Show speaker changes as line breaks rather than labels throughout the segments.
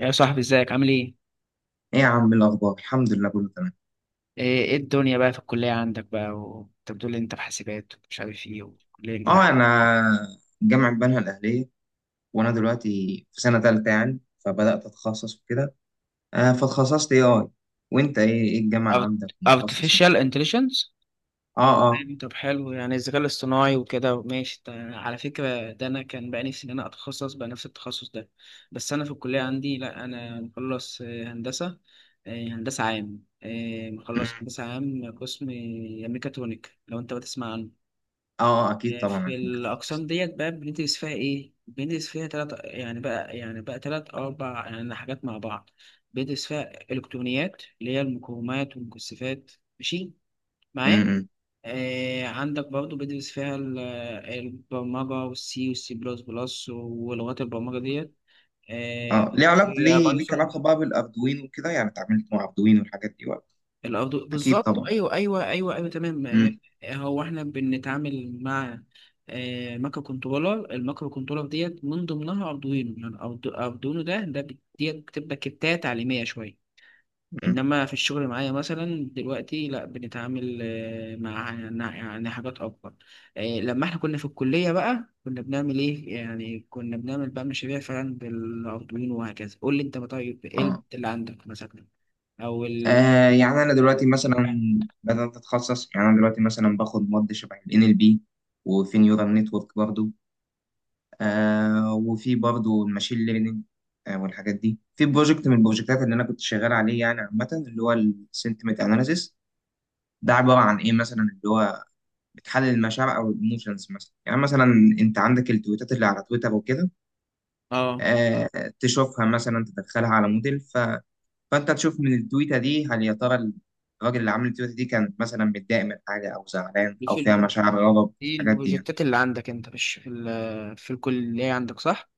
يا صاحبي ازيك عامل ايه؟
ايه يا عم الاخبار؟ الحمد لله كله تمام.
ايه ايه الدنيا بقى في الكلية عندك بقى وانت بتقول لي انت في حاسبات ومش عارف ايه وكلية جديدة.
اه، انا جامعه بنها الاهليه. وانا دلوقتي في سنه ثالثه يعني، فبدات اتخصص وكده. فتخصصت اي اي. وانت ايه الجامعه عندك
أوت-
متخصص ايه؟
Artificial intelligence.
اه، اه.
طيب، طب حلو يعني الذكاء الاصطناعي وكده، ماشي. على فكرة ده انا كان بقى نفسي ان انا اتخصص بقى نفس التخصص ده، بس انا في الكلية عندي لا انا مخلص هندسة. هندسة عام،
أمم،
مخلص هندسة عام قسم ميكاترونيك لو انت بتسمع عنه.
اه. اكيد طبعا
في
عارفين كده.
الأقسام ديت بقى بندرس فيها إيه؟ بندرس فيها تلات يعني بقى يعني بقى تلات أو أربع يعني حاجات مع بعض. بندرس فيها إلكترونيات اللي هي المقاومات والمكثفات، ماشي
أمم،
معايا؟
أمم.
آه، عندك برضو بدرس فيها البرمجة والسي والسي بلس بلس ولغات البرمجة ديت، آه.
اه، ليه علاقه
هي
ليه ليك
بايثون
علاقه بقى بالاردوينو وكده، يعني اتعاملت مع اردوينو والحاجات دي ولا؟
الأرض
اكيد
بالظبط،
طبعا.
أيوه أيوه أيوه أيوه، تمام.
أمم،
هو إحنا بنتعامل مع مايكرو كنترولر. المايكرو كنترولر ديت من ضمنها أردوينو، يعني أردوينو ده ديت بتبقى كتات تعليمية شوية.
أمم،
إنما في الشغل معايا مثلا دلوقتي لا، بنتعامل مع يعني حاجات أكبر. لما إحنا كنا في الكلية بقى كنا بنعمل إيه؟ يعني كنا بنعمل بقى مشاريع فعلا بالأردوينو وهكذا. قول لي أنت بقى طيب إيه
اه.
اللي عندك مثلا؟ أو ال...
يعني انا
آه،
دلوقتي مثلا بدات اتخصص. يعني انا دلوقتي مثلا باخد مواد شبه ال NLP، وفي نيورال نتورك برضه. وفي برضه الماشين ليرنينج. والحاجات دي، في بروجكت من البروجكتات اللي انا كنت شغال عليه يعني، عامه، اللي هو السنتمنت اناليسيس. ده عباره عن ايه مثلا؟ اللي هو بتحلل المشاعر او الايموشنز مثلا، يعني مثلا انت عندك التويتات اللي على تويتر وكده.
اه.
آه. تشوفها مثلا، تدخلها على موديل، فانت تشوف من التويته دي هل يا ترى الراجل اللي عامل التويته دي كان مثلا متضايق من حاجه او زعلان
دي
او
في
فيها
الب...
مشاعر غضب،
دي
الحاجات دي يعني.
البروجكتات اللي عندك انت مش في في الكلية عندك، صح؟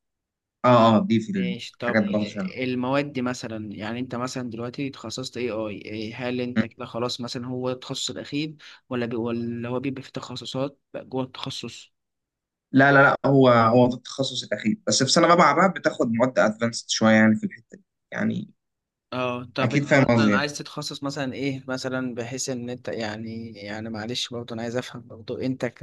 اه، اه، دي في
ماشي طب.
الحاجات برضه شغالة.
المواد دي مثلا يعني انت مثلا دلوقتي تخصصت اي اي ايه، هل انت كده خلاص مثلا هو التخصص الاخير ولا هو بيبقى في تخصصات بقى جوه التخصص؟
لا، لا، لا، هو ده التخصص الاخير، بس في سنه رابعه بقى بتاخد مواد ادفانسد شويه يعني في الحته دي يعني.
اه طب
اكيد
انت
فاهم قصدي
مثلا
يعني.
عايز تتخصص مثلا ايه، مثلا بحيث ان انت يعني يعني معلش برضه انا عايز افهم برضه انت ك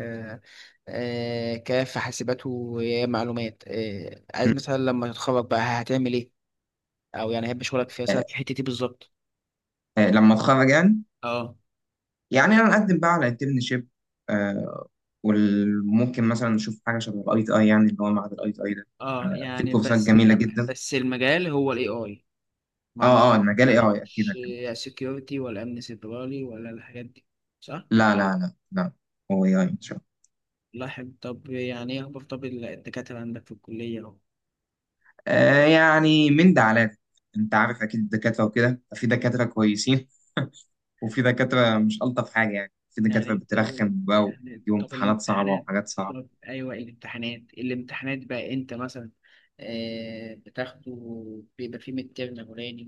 كفي حاسبات ومعلومات، عايز مثلا لما تتخرج بقى هتعمل ايه؟ او يعني احب شغلك فيها
آه،
سبب في الحته دي بالظبط.
لما اتخرج يعني،
اه
يعني انا اقدم بقى على انترنشيب. وممكن مثلا نشوف حاجه شبه الاي تي اي، يعني اللي هو معهد الاي تي اي ده.
اه،
في
يعني
كورسات
بس
جميله
كم
جدا.
بس المجال هو الاي اي، ما
اه، اه، المجال اي
يعني
اي اكيد
مش
هكمل.
سكيورتي ولا امن سيبراني ولا الحاجات دي، صح؟
لا، لا، لا، لا. هو اي اي ان شاء الله.
الله يحب. طب يعني ايه اخبار طب الدكاترة عندك في الكلية اهو؟
يعني من ده على ده، انت عارف اكيد الدكاتره وكده، في دكاتره كويسين وفي دكاترة مش ألطف حاجة يعني، في دكاترة
يعني
بترخم
طب،
بقى ويجيبوا
يعني طب
امتحانات صعبة
الامتحانات،
وحاجات صعبة.
طب ايوه الامتحانات، الامتحانات بقى انت مثلا آه بتاخده، بيبقى فيه ميد ترم اولاني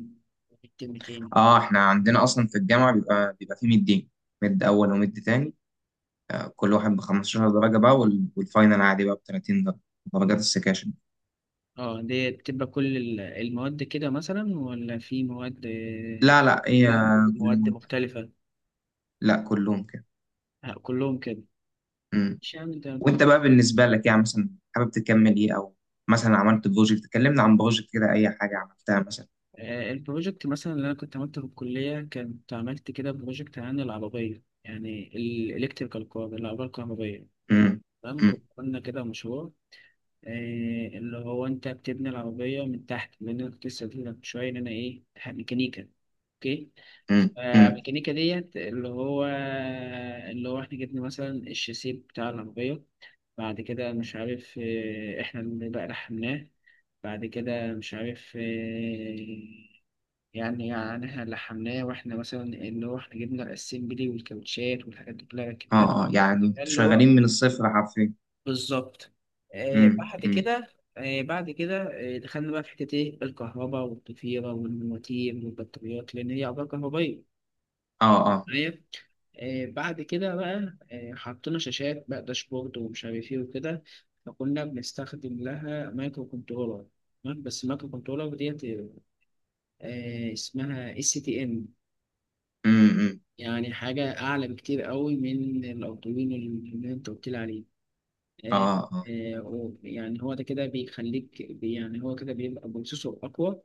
وميد ترم تاني.
اه، احنا عندنا أصلا في الجامعة بيبقى في مدين، مد أول ومد تاني. كل واحد ب 15 درجة بقى، والفاينل عادي بقى ب 30 درجة. درجات السكاشن.
اه دي بتبقى كل المواد كده مثلا ولا في مواد
لا، لا، هي
كده
كل
ومواد
المد.
مختلفة؟
لا، كلهم كده.
كلهم كده،
مم.
مش يعني ده.
وانت بقى بالنسبة لك يعني، مثلا حابب تكمل ايه؟ أو مثلا عملت بروجكت؟ كلمنا عن بروجكت كده، أي حاجة عملتها مثلا.
البروجكت مثلا اللي أنا كنت عملته في الكلية كنت عملت كده بروجكت عن العربية، يعني الإلكتريكال كار، العربية الكهربائية،
مم.
تمام.
مم.
كنت عملنا كده مشروع إيه اللي هو انت بتبني العربية من تحت، لان انا كنت لسه قايل لك من شوية ان انا ايه ميكانيكا، اوكي.
مم. مم.
فالميكانيكا ديت اللي هو اللي هو احنا جبنا مثلا الشاسيه بتاع العربية، بعد كده مش عارف إيه، احنا اللي بقى لحمناه، بعد كده مش عارف إيه، يعني يعني احنا لحمناه واحنا مثلا اللي هو احنا جبنا الاسمبلي والكاوتشات والحاجات دي كلها ركبناها،
اه، اه، يعني انتوا
اللي هو
شغالين من الصفر حرفيا.
بالظبط. آه
امم،
بعد
امم.
كده آه بعد كده آه دخلنا بقى في حتة إيه، الكهرباء والضفيرة والمواتير والبطاريات لأن هي أعضاء كهربائية،
اه، اه.
معايا؟ آه بعد كده بقى آه حطينا شاشات بقى داشبورد ومش عارف إيه وكده، فكنا بنستخدم لها مايكرو كنترولر، تمام؟ بس المايكرو كنترولر ديت اسمها اس تي ام،
امم، امم.
يعني حاجة أعلى بكتير قوي من الأردوينو اللي أنت قلت لي عليه.
اه،
آه،
اه.
يعني هو ده كده يعني هو كده بيبقى بروسيسور أقوى،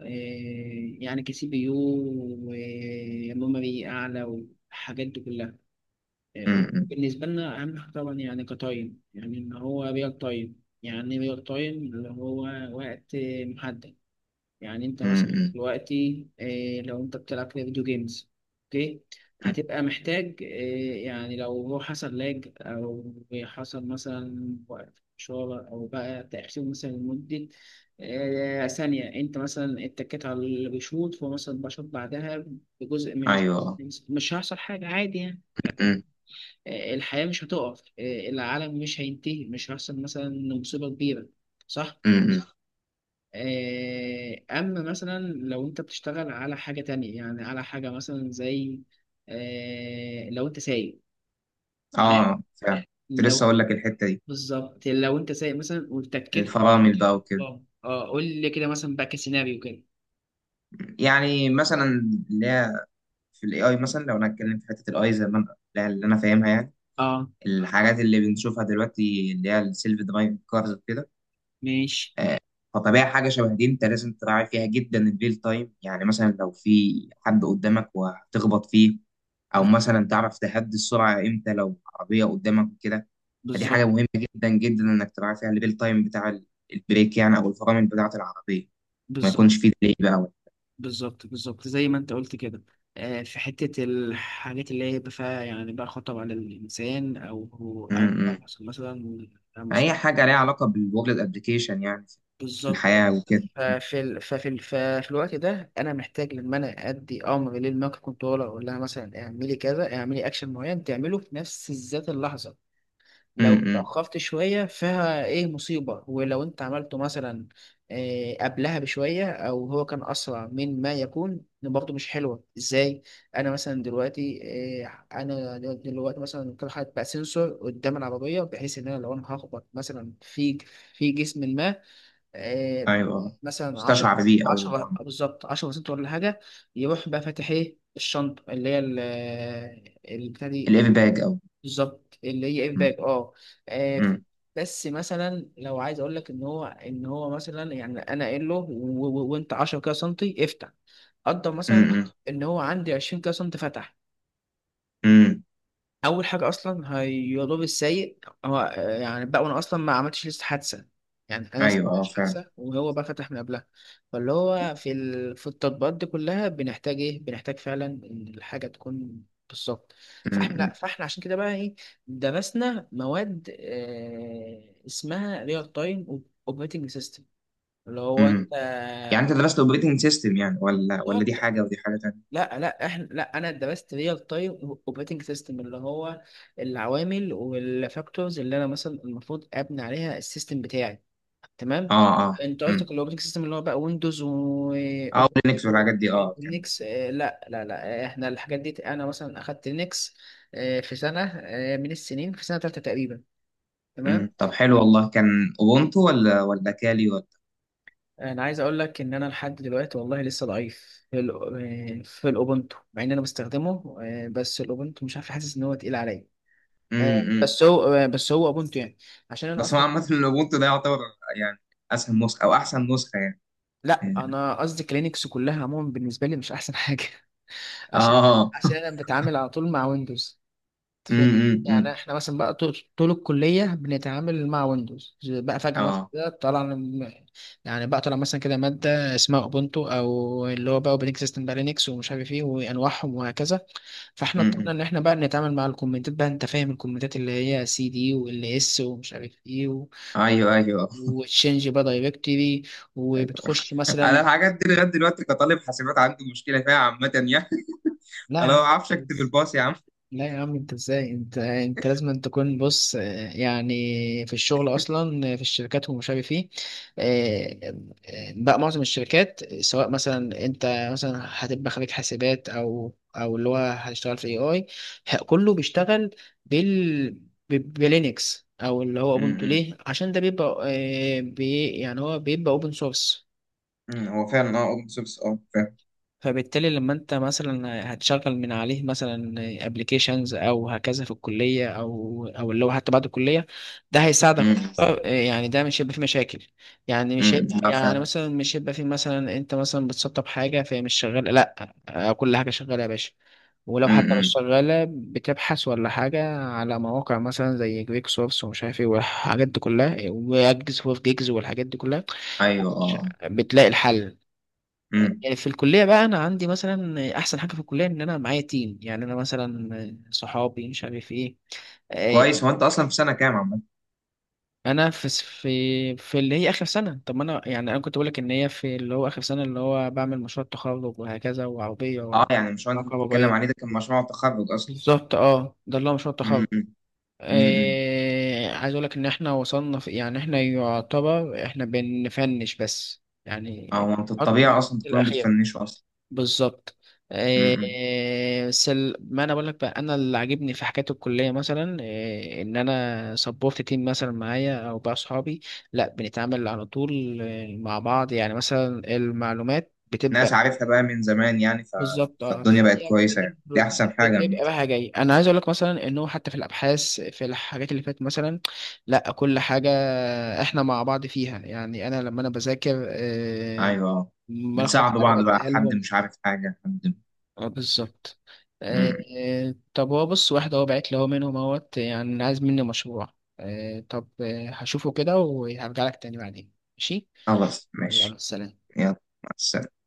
آه، يعني كسي بي يو وميموري أعلى والحاجات دي كلها، آه،
امم،
وبالنسبة لنا أهم حاجة طبعا يعني كتايم، يعني إن هو ريال تايم، يعني ريال تايم اللي هو وقت محدد. يعني انت
امم،
مثلا
امم،
دلوقتي إيه لو انت بتلعب كده فيديو جيمز، اوكي،
أمم.
هتبقى محتاج إيه يعني لو هو حصل لاج او حصل مثلا وقت شغل او بقى تأخير مثلا لمدة إيه ثانية، انت مثلا اتكيت على اللي بيشوط فهو مثلا بشوط بعدها بجزء من الس-
ايوه.
مش هيحصل حاجة عادي يعني،
امم،
إيه الحياة مش هتقف، إيه العالم مش هينتهي، مش هيحصل مثلا مصيبة كبيرة، صح؟
امم.
أما مثلا لو أنت بتشتغل على حاجة تانية، يعني على حاجة مثلا زي لو أنت سايق، تمام.
اه فعلا. كنت لسه
لو
اقول لك الحته دي،
بالظبط لو أنت سايق مثلا واتكيت،
الفرامل بقى وكده.
اه قول لي كده مثلا بقى كسيناريو كده.
يعني مثلا اللي هي في الاي اي مثلا، لو انا اتكلم في حته الاي زي ما اللي انا فاهمها يعني،
اه
الحاجات اللي بنشوفها دلوقتي، اللي هي السيلف درايفنج كارز وكده،
ماشي.
فطبيعي حاجة شبه دي انت لازم تراعي فيها جدا الريل تايم. يعني مثلا لو في حد قدامك وهتخبط فيه، او
ب-
مثلا تعرف تهدي السرعة امتى لو عربية قدامك وكده. فدي حاجة
بالظبط،
مهمة جدا جدا انك تراعي فيها الريل تايم بتاع البريك يعني، او الفرامل بتاعة العربية. ما
بالظبط
يكونش فيه ديلي بقى.
بالظبط بالظبط زي ما أنت قلت كده. في حتة الحاجات اللي هي بقى فيها يعني بقى خطر على الإنسان أو أو
امم.
مثلا
اي حاجة ليها علاقة بالورلد ابلكيشن يعني، في
بالظبط آه.
الحياة وكده.
ففي الوقت ده انا محتاج لما انا ادي امر للمايكرو كنترولر اقول لها مثلا اعملي كذا، اعملي اكشن معين تعمله في نفس ذات اللحظه. لو
امم.
اتاخرت شويه فيها ايه مصيبه، ولو انت عملته مثلا إيه قبلها بشويه او هو كان اسرع من ما يكون برضه مش حلوه، ازاي؟ انا مثلا دلوقتي إيه، انا دلوقتي مثلا كل حاجه بقى سنسور قدام العربيه بحيث ان انا لو انا هخبط مثلا في في جسم ما، آه،
ايوه،
مثلا 10
استشعر بيه او
10 بالظبط 10 بسنت ولا حاجة، يروح بقى فاتح ايه الشنطة اللي هي البتاع دي
الاير باج، او
بالظبط اللي هي
امم،
الباك، اه آه، بس مثلا لو عايز اقول لك ان هو ان هو مثلا يعني انا قايل له وانت 10 كده سنتي افتح، قدر مثلا
امم،
ان هو عندي 20 كده سنتي فتح،
امم.
اول حاجه اصلا هيضر السايق، هو آه، يعني بقى وانا اصلا ما عملتش لسه حادثه، يعني انا لسه
ايوه،
ما
اه
عملتش
فعلا.
حادثه وهو بقى فتح من قبلها. فاللي هو في في التطبيقات دي كلها بنحتاج ايه، بنحتاج فعلا ان الحاجه تكون بالظبط.
م-
فاحنا
م-
فاحنا عشان كده بقى ايه درسنا مواد آه اسمها ريال تايم اوبريتنج سيستم، اللي هو
م.
انت
يعني انت درست اوبريتنج سيستم يعني، ولا دي
بالظبط.
حاجه ودي حاجه تانية؟
لا لا احنا لا انا درست ريال تايم اوبريتنج سيستم، اللي هو العوامل والفاكتورز اللي انا مثلا المفروض ابني عليها السيستم بتاعي، تمام.
اه، اه.
انت
امم.
قصدك الاوبريتنج سيستم اللي هو بقى ويندوز و
اه، لينكس والحاجات دي اه كان.
لينكس؟ لا لا لا احنا الحاجات دي انا مثلا اخدت لينكس في سنه من السنين، في سنه ثالثه تقريبا،
امم،
تمام.
طب حلو والله. كان اوبونتو، ولا كالي، ولا؟
انا عايز اقول لك ان انا لحد دلوقتي والله لسه ضعيف في في الاوبونتو مع ان انا بستخدمه، بس الاوبونتو مش عارف حاسس ان هو تقيل عليا،
امم.
بس هو بس هو اوبونتو يعني عشان انا
بس هو
اصلا.
عامه الاوبونتو ده يعتبر يعني اسهل نسخه او احسن نسخه يعني.
لا انا قصدي كلينكس كلها عموما بالنسبه لي مش احسن حاجه عشان
اه.
عشان انا بتعامل على طول مع ويندوز، فاهم؟ يعني
امم.
احنا مثلا بقى طول طول الكلية بنتعامل مع ويندوز، بقى فجأة مثلا
اه.
كده طلع لنا- يعني بقى طلع مثلا كده مادة اسمها اوبونتو او اللي هو بقى اوبريتنج سيستم بقى لينكس ومش عارف ايه وانواعهم وهكذا. فاحنا اضطرينا
امم.
ان احنا بقى نتعامل مع الكومنتات بقى، انت فاهم الكومنتات اللي هي سي دي وال اس ومش عارف ايه
ايوه، ايوه،
وتشينج بقى دايركتري
ايوه.
وبتخش
انا
مثلا.
الحاجات دي لغايه دلوقتي كطالب حاسبات عندي مشكله فيها عامه يعني.
لا يا
انا ما
عم،
بعرفش اكتب الباص يا عم.
لا يا عم انت ازاي، انت انت لازم أن تكون بص يعني في الشغل اصلا في الشركات ومش عارف ايه، آه، بقى معظم الشركات سواء مثلا انت مثلا هتبقى خريج حاسبات او او اللي هو هتشتغل في اي اي كله بيشتغل بال بلينكس او اللي هو اوبنتو،
امم.
ليه؟ عشان ده بيبقى بي يعني هو بيبقى اوبن سورس.
هو فعلا، اه، اوبن سورس، اه،
فبالتالي لما انت مثلا هتشغل من عليه مثلا ابلكيشنز او هكذا في الكليه او او اللي هو حتى بعد الكليه، ده هيساعدك.
فعلا.
اه، يعني ده مش هيبقى فيه مشاكل، يعني مش
امم،
هيبقى
لا
يعني
فعلا.
مثلا مش هيبقى فيه مثلا انت مثلا بتسطب حاجه فهي مش شغاله، لا اه، كل حاجه شغاله يا باشا. ولو
امم،
حتى مش شغاله بتبحث ولا حاجه على مواقع مثلا زي جيك سورس ومش عارف ايه والحاجات دي كلها، واجز وفي جيجز والحاجات دي كلها،
ايوه،
ش-
اه.
بتلاقي الحل.
امم.
يعني في الكلية بقى أنا عندي مثلا أحسن حاجة في الكلية إن أنا معايا تيم، يعني أنا مثلا صحابي مش عارف إيه، آه،
كويس. هو انت اصلا في سنه كام عامه؟
أنا في في في اللي هي آخر سنة، طب ما أنا يعني أنا كنت بقولك إن هي في اللي هو آخر سنة اللي هو بعمل مشروع تخرج وهكذا، وعربية
اه، يعني مش هو انت بتتكلم
كهربائية
عليه ده كان مشروع تخرج اصلا؟
بالظبط أه، ده اللي هو مشروع
امم،
التخرج.
امم. امم، امم.
عايز أقولك إن إحنا وصلنا في يعني إحنا يعتبر إحنا بنفنش بس يعني
اه، هو انت
بنحط
الطبيعي
المستوى
اصلا تكونوا
الأخير
بتفنشوا اصلا.
بالظبط.
امم،
ما انا بقول لك بقى انا اللي عاجبني في حكايه الكليه مثلا إيه ان انا سبورت تيم مثلا معايا او بقى صحابي، لا بنتعامل على طول مع بعض، يعني مثلا المعلومات
ناس
بتبقى
عارفها بقى من زمان يعني،
بالظبط، اه
فالدنيا بقت
هي
كويسه يعني، دي
بتبقى
احسن حاجه عامه.
بتبقى رايحه جاي. انا عايز اقول لك مثلا انه حتى في الابحاث في الحاجات اللي فاتت مثلا، لا كل حاجه احنا مع بعض فيها، يعني انا لما انا بذاكر إيه
ايوه، اه،
ملخص
بتساعدوا
حاجه
بعض بقى،
بديها
حد
لهم.
مش عارف حاجه، حد.
اه بالظبط آه.
امم.
طب هو بص واحد هو بعت لي هو منهم اهوت يعني عايز مني مشروع، آه طب آه هشوفه كده وهرجع لك تاني بعدين، ماشي.
خلاص ماشي.
يلا سلام.
يلا. مع السلامه.